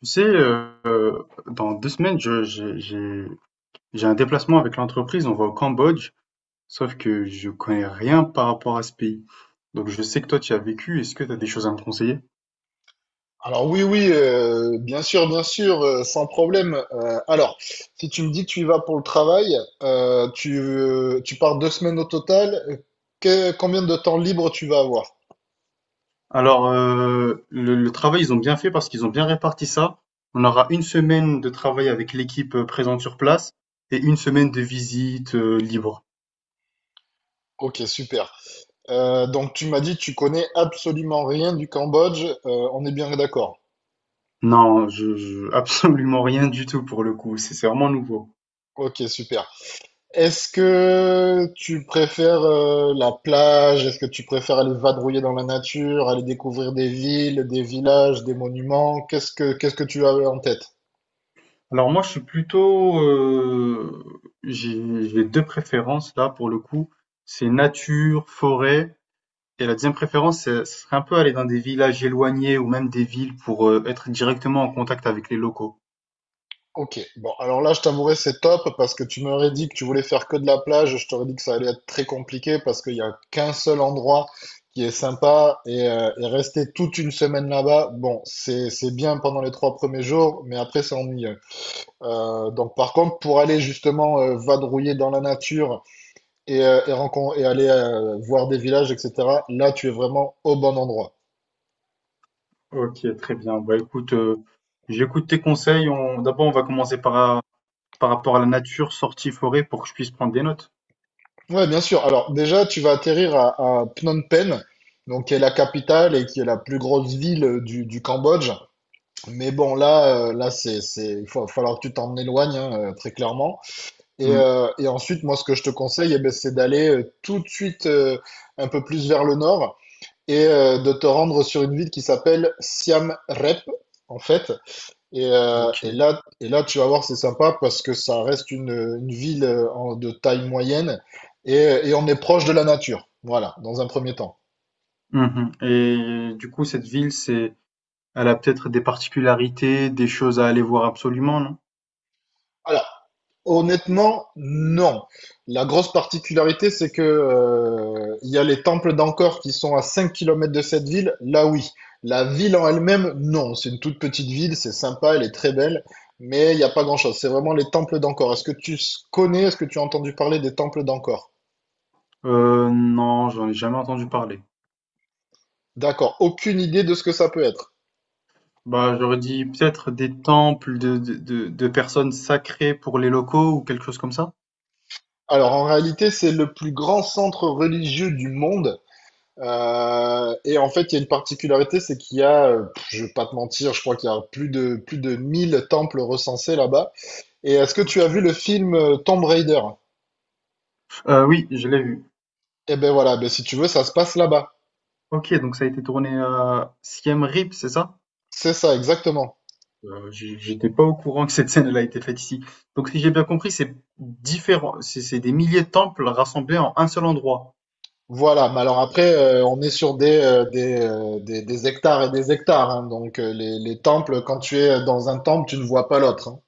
Tu sais, dans 2 semaines, j'ai un déplacement avec l'entreprise, on va au Cambodge, sauf que je connais rien par rapport à ce pays. Donc je sais que toi, tu y as vécu, est-ce que tu as des choses à me conseiller? Alors oui, oui, bien sûr, sans problème. Alors, si tu me dis que tu y vas pour le travail, tu pars 2 semaines au total, combien de temps libre tu vas avoir? Alors, le travail, ils ont bien fait parce qu'ils ont bien réparti ça. On aura 1 semaine de travail avec l'équipe présente sur place et 1 semaine de visite libre. Ok, super. Donc tu m'as dit que tu connais absolument rien du Cambodge, on est bien d'accord. Non, absolument rien du tout pour le coup, c'est vraiment nouveau. Ok, super. Est-ce que tu préfères la plage? Est-ce que tu préfères aller vadrouiller dans la nature, aller découvrir des villes, des villages, des monuments? Qu'est-ce que tu as en tête? Alors moi, je suis plutôt, j'ai 2 préférences là pour le coup. C'est nature, forêt. Et la deuxième préférence, ce serait un peu aller dans des villages éloignés ou même des villes pour être directement en contact avec les locaux. Ok, bon, alors là, je t'avouerai, c'est top parce que tu m'aurais dit que tu voulais faire que de la plage. Je t'aurais dit que ça allait être très compliqué parce qu'il n'y a qu'un seul endroit qui est sympa et rester toute une semaine là-bas, bon, c'est bien pendant les 3 premiers jours, mais après, c'est ennuyeux. Donc, par contre, pour aller justement vadrouiller dans la nature et aller voir des villages, etc., là, tu es vraiment au bon endroit. Ok, très bien. Bah écoute, j'écoute tes conseils. On, d'abord, on va commencer par rapport à la nature, sortie forêt, pour que je puisse prendre des notes. Ouais, bien sûr. Alors déjà, tu vas atterrir à Phnom Penh, donc qui est la capitale et qui est la plus grosse ville du Cambodge. Mais bon, là, il va falloir que tu t'en éloignes, hein, très clairement. Et, Hmm, euh, et ensuite, moi, ce que je te conseille, eh ben, c'est d'aller tout de suite un peu plus vers le nord et de te rendre sur une ville qui s'appelle Siem Reap, en fait. Et, euh, et ok. là, et là, tu vas voir, c'est sympa parce que ça reste une ville de taille moyenne et, et on est proche de la nature. Voilà, dans un premier temps. Mhm. Et du coup, cette ville, c'est, elle a peut-être des particularités, des choses à aller voir absolument, non? Alors, honnêtement, non. La grosse particularité, c'est que il y a les temples d'Angkor qui sont à 5 kilomètres de cette ville. Là, oui. La ville en elle-même, non. C'est une toute petite ville, c'est sympa, elle est très belle, mais il n'y a pas grand-chose. C'est vraiment les temples d'Angkor. Est-ce que tu connais, est-ce que tu as entendu parler des temples d'Angkor? Non, j'en ai jamais entendu parler. D'accord, aucune idée de ce que ça peut être. Bah, j'aurais dit peut-être des temples de personnes sacrées pour les locaux ou quelque chose comme ça? Alors en réalité, c'est le plus grand centre religieux du monde. Et en fait, il y a une particularité, c'est qu'il y a, je vais pas te mentir, je crois qu'il y a plus de 1000 temples recensés là-bas. Et est-ce que tu as OK. vu le film Tomb Raider? Oui, je l'ai vu. Eh ben voilà, ben si tu veux, ça se passe là-bas. OK, donc ça a été tourné à Siem Reap, c'est ça? C'est ça, exactement. J'étais pas au courant que cette scène, elle a été faite ici. Donc si j'ai bien compris, c'est des milliers de temples rassemblés en un seul endroit? Voilà, mais alors après, on est sur des hectares et des hectares, hein. Donc les temples, quand tu es dans un temple, tu ne vois pas l'autre, hein.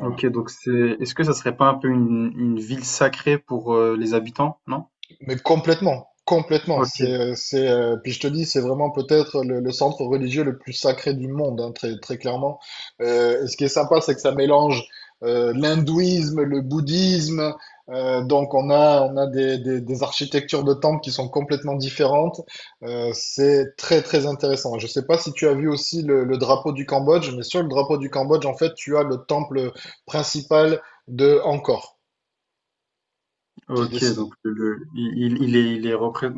OK, donc c'est est-ce que ça serait pas un peu une ville sacrée pour, les habitants, non? Mais complètement, complètement. C'est, OK. euh, c'est, euh, puis je te dis, c'est vraiment peut-être le centre religieux le plus sacré du monde, hein, très, très clairement. Et ce qui est sympa, c'est que ça mélange l'hindouisme, le bouddhisme. Donc on a des architectures de temples qui sont complètement différentes. C'est très, très intéressant. Je sais pas si tu as vu aussi le drapeau du Cambodge, mais sur le drapeau du Cambodge, en fait, tu as le temple principal de Angkor qui est OK, dessiné. donc il est,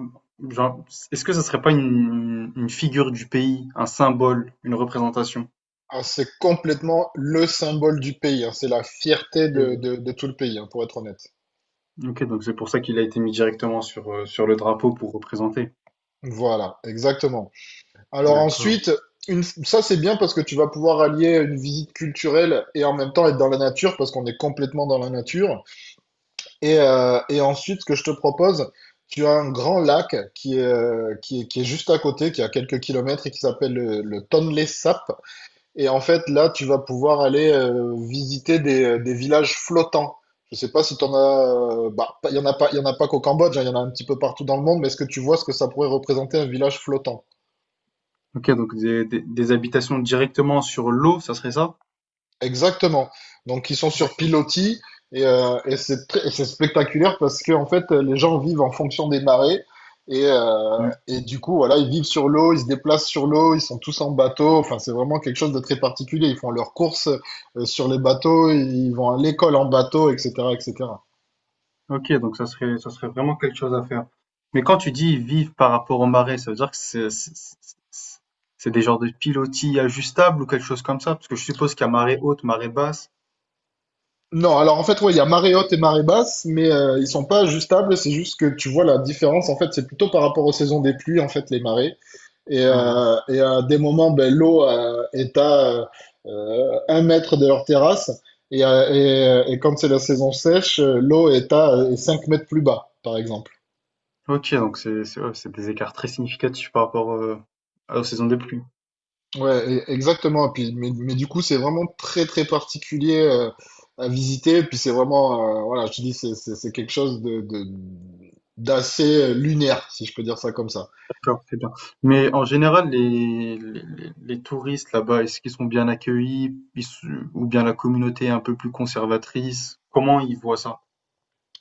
genre, est-ce que ce serait pas une figure du pays, un symbole, une représentation? Ah, c'est complètement le symbole du pays, hein. C'est la fierté de, Ok, de- de tout le pays, hein, pour être honnête. ok, donc c'est pour ça qu'il a été mis directement sur, sur le drapeau pour représenter. Voilà, exactement. Alors D'accord. ensuite, ça c'est bien parce que tu vas pouvoir allier une visite culturelle et en même temps être dans la nature parce qu'on est complètement dans la nature. Et ensuite, ce que je te propose, tu as un grand lac qui est juste à côté, qui est à quelques kilomètres et qui s'appelle le Tonle Sap. Et en fait, là, tu vas pouvoir aller visiter des villages flottants. Je sais pas si tu en as. Bah, pas- il y en a pas, il y en a pas qu'au Cambodge, hein, il y en a un petit peu partout dans le monde, mais est-ce que tu vois ce que ça pourrait représenter un village flottant? Ok, donc des habitations directement sur l'eau, ça serait ça? Exactement. Donc ils sont sur D'accord. pilotis et c'est spectaculaire parce que en fait les gens vivent en fonction des marées et, euh, Mm. et du coup voilà ils vivent sur l'eau, ils se déplacent sur l'eau, ils sont tous en bateau. Enfin c'est vraiment quelque chose de très particulier. Ils font leurs courses sur les bateaux, ils vont à l'école en bateau, etc., etc. Ok, donc ça serait vraiment quelque chose à faire. Mais quand tu dis vivre par rapport aux marées, ça veut dire que c'est des genres de pilotis ajustables ou quelque chose comme ça? Parce que je suppose qu'il y a marée haute, marée basse. Non, alors en fait, ouais, il y a marée haute et marée basse, mais ils sont pas ajustables, c'est juste que tu vois la différence, en fait, c'est plutôt par rapport aux saisons des pluies, en fait, les marées. Et, Hein, hein. euh, et à des moments, ben, l'eau est à 1 mètre de leur terrasse. Et quand c'est la saison sèche, l'eau est à 5 mètres plus bas, par exemple. OK, donc c'est ouais, c'est des écarts très significatifs par rapport, aux saisons des pluies. Ouais, exactement. Et puis, mais du coup, c'est vraiment très, très particulier à visiter. Et puis, c'est vraiment, voilà, je te dis, c'est quelque chose d'assez lunaire, si je peux dire ça comme ça. D'accord, c'est bien. Mais en général, les touristes là-bas, est-ce qu'ils sont bien accueillis? Ils se Ou bien la communauté est un peu plus conservatrice? Comment ils voient ça?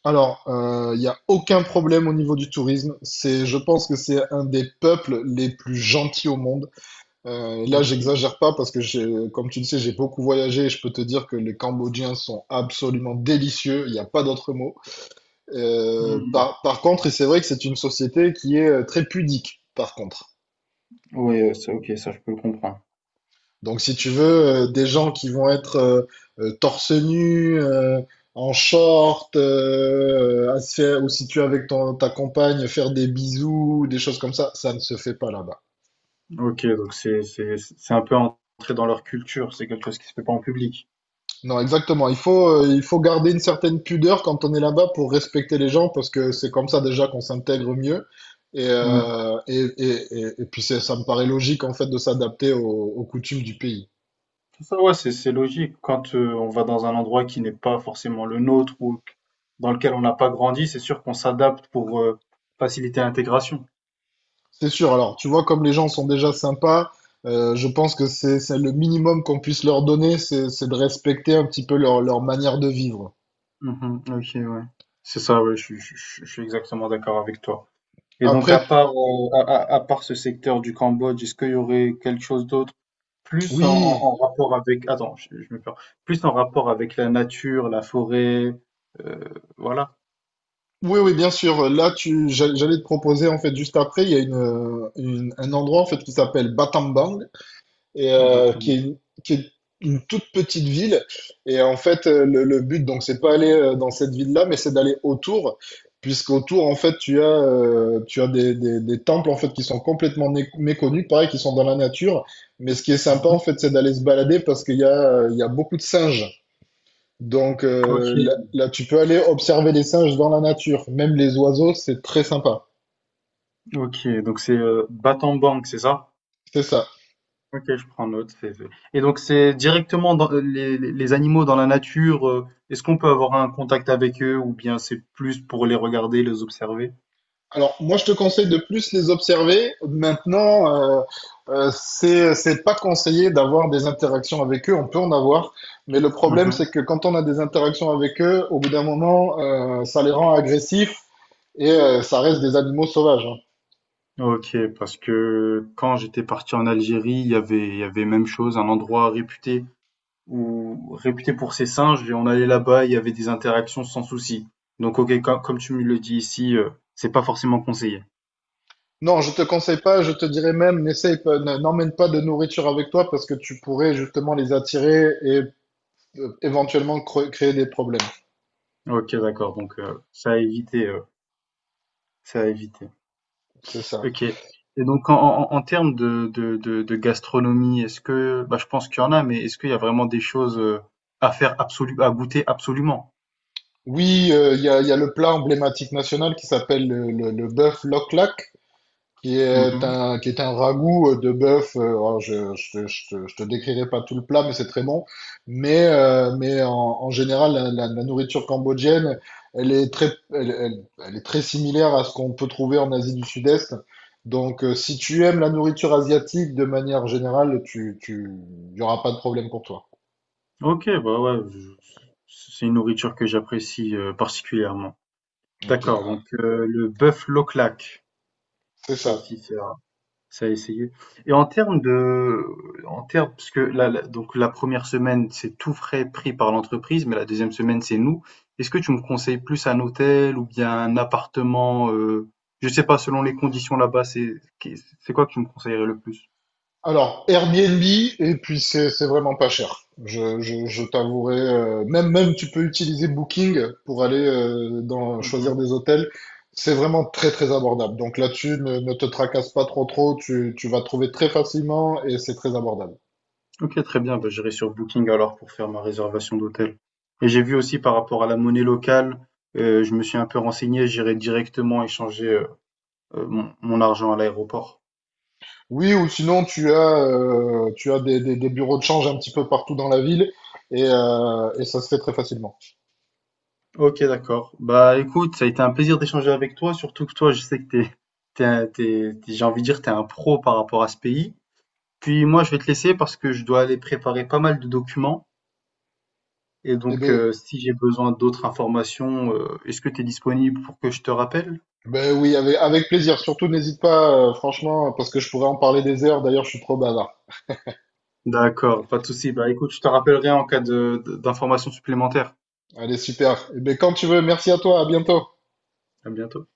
Alors, il n'y a aucun problème au niveau du tourisme. C'est, je pense que c'est un des peuples les plus gentils au monde. Là, OK. j'exagère pas parce que, comme tu le sais, j'ai beaucoup voyagé et je peux te dire que les Cambodgiens sont absolument délicieux. Il n'y a pas d'autre mot. Euh, Oui. par, par contre, et c'est vrai que c'est une société qui est très pudique, par contre. OK, ça je peux le comprendre. Donc, si tu veux, des gens qui vont être torse nu, en short, ou si tu es avec ta compagne, faire des bisous, des choses comme ça ne se fait pas là-bas. OK, donc c'est un peu entrer dans leur culture, c'est quelque chose qui se fait pas en public. Non, exactement. Il faut garder une certaine pudeur quand on est là-bas pour respecter les gens parce que c'est comme ça déjà qu'on s'intègre mieux. Et, Mmh. euh, et, et, et, et puis ça me paraît logique en fait de s'adapter aux coutumes du pays. C'est ça, ouais, c'est logique. Quand on va dans un endroit qui n'est pas forcément le nôtre ou dans lequel on n'a pas grandi, c'est sûr qu'on s'adapte pour faciliter l'intégration. C'est sûr. Alors, tu vois, comme les gens sont déjà sympas, je pense que c'est le minimum qu'on puisse leur donner, c'est de respecter un petit peu leur manière de vivre. Mhm, ok, ouais. C'est ça, ouais, je suis exactement d'accord avec toi. Et donc, Après, à part, à part ce secteur du Cambodge, est-ce qu'il y aurait quelque chose d'autre plus oui, en rapport avec, attends, je me perds, plus en rapport avec la nature, la forêt, euh, voilà. oui, oui, bien sûr. Là, j'allais te proposer en fait juste après, il y a un endroit en fait qui s'appelle Battambang. Et qui Battambang. est une, qui est une toute petite ville. Et en fait, le but, donc, c'est pas aller dans cette ville-là, mais c'est d'aller autour, puisqu'autour, en fait, tu as des temples, en fait, qui sont complètement méconnus, pareil, qui sont dans la nature. Mais ce qui est sympa, Mhm. en fait, c'est d'aller se balader parce qu'il y a beaucoup de singes. Donc Ok, là, tu peux aller observer les singes dans la nature, même les oiseaux, c'est très sympa. ok, donc c'est Battambang, c'est ça? C'est ça. Ok, je prends note. Et donc, c'est directement dans les animaux dans la nature. Est-ce qu'on peut avoir un contact avec eux ou bien c'est plus pour les regarder, les observer? Alors, moi, je te conseille de plus les observer. Maintenant, c'est pas conseillé d'avoir des interactions avec eux. On peut en avoir, mais le problème, Mhm. c'est que quand on a des interactions avec eux, au bout d'un moment, ça les rend agressifs et ça reste des animaux sauvages, hein. Ok, parce que quand j'étais parti en Algérie, il y avait même chose, un endroit réputé ou réputé pour ses singes, et on allait là-bas, il y avait des interactions sans souci. Donc, ok, comme tu me le dis ici, c'est pas forcément conseillé. Non, je te conseille pas. Je te dirais même, n'essaye pas, n'emmène pas de nourriture avec toi parce que tu pourrais justement les attirer et éventuellement créer des problèmes. Ok, d'accord. Donc, ça a évité. C'est ça. OK. Et donc en en en termes de gastronomie, est-ce que bah, je pense qu'il y en a, mais est-ce qu'il y a vraiment des choses, heu, à goûter absolument? Oui, il y a le plat emblématique national qui s'appelle le bœuf loklak, qui est Mmh. un, qui est un ragoût de bœuf. Alors, je te décrirai pas tout le plat, mais c'est très bon. Mais en général, la nourriture cambodgienne, elle est très similaire à ce qu'on peut trouver en Asie du Sud-Est. Donc, si tu aimes la nourriture asiatique de manière générale, il y aura pas de problème pour toi. OK, bah, ouais, je c'est une nourriture que j'apprécie, particulièrement. Ok, D'accord, ah, donc le bœuf Lauchlac, c'est ça ça. aussi c'est ça a essayé. Et en termes de En termes parce que là, donc la 1re semaine, c'est tout frais pris par l'entreprise, mais la 2e semaine, c'est nous. Est-ce que tu me conseilles plus un hôtel ou bien un appartement, je sais pas, selon les conditions là-bas, c'est qu'est c'est quoi que tu me conseillerais le plus? Alors, Airbnb, et puis c'est vraiment pas cher. Je t'avouerai, même tu peux utiliser Booking pour aller choisir Mmh. des hôtels. C'est vraiment très très abordable. Donc là-dessus, ne te tracasse pas trop trop, tu vas trouver très facilement et c'est très abordable. OK, très bien, bah, j'irai sur Booking alors pour faire ma réservation d'hôtel. Et j'ai vu aussi par rapport à la monnaie locale, je me suis un peu renseigné, j'irai directement échanger, mon argent à l'aéroport. Oui, ou sinon tu as des bureaux de change un petit peu partout dans la ville et ça se fait très facilement. Ok, d'accord. Bah écoute, ça a été un plaisir d'échanger avec toi, surtout que toi, je sais que t'es, j'ai envie de dire, t'es un pro par rapport à ce pays. Puis moi, je vais te laisser parce que je dois aller préparer pas mal de documents. Et Eh donc, ben, si j'ai besoin d'autres informations, est-ce que tu es disponible pour que je te rappelle? Oui, avec plaisir. Surtout n'hésite pas, franchement, parce que je pourrais en parler des heures. D'ailleurs, je suis trop bavard. D'accord, pas de souci. Bah écoute, je te rappellerai en cas d'informations supplémentaires. Allez, super. Eh bien, quand tu veux, merci à toi, à bientôt. À bientôt.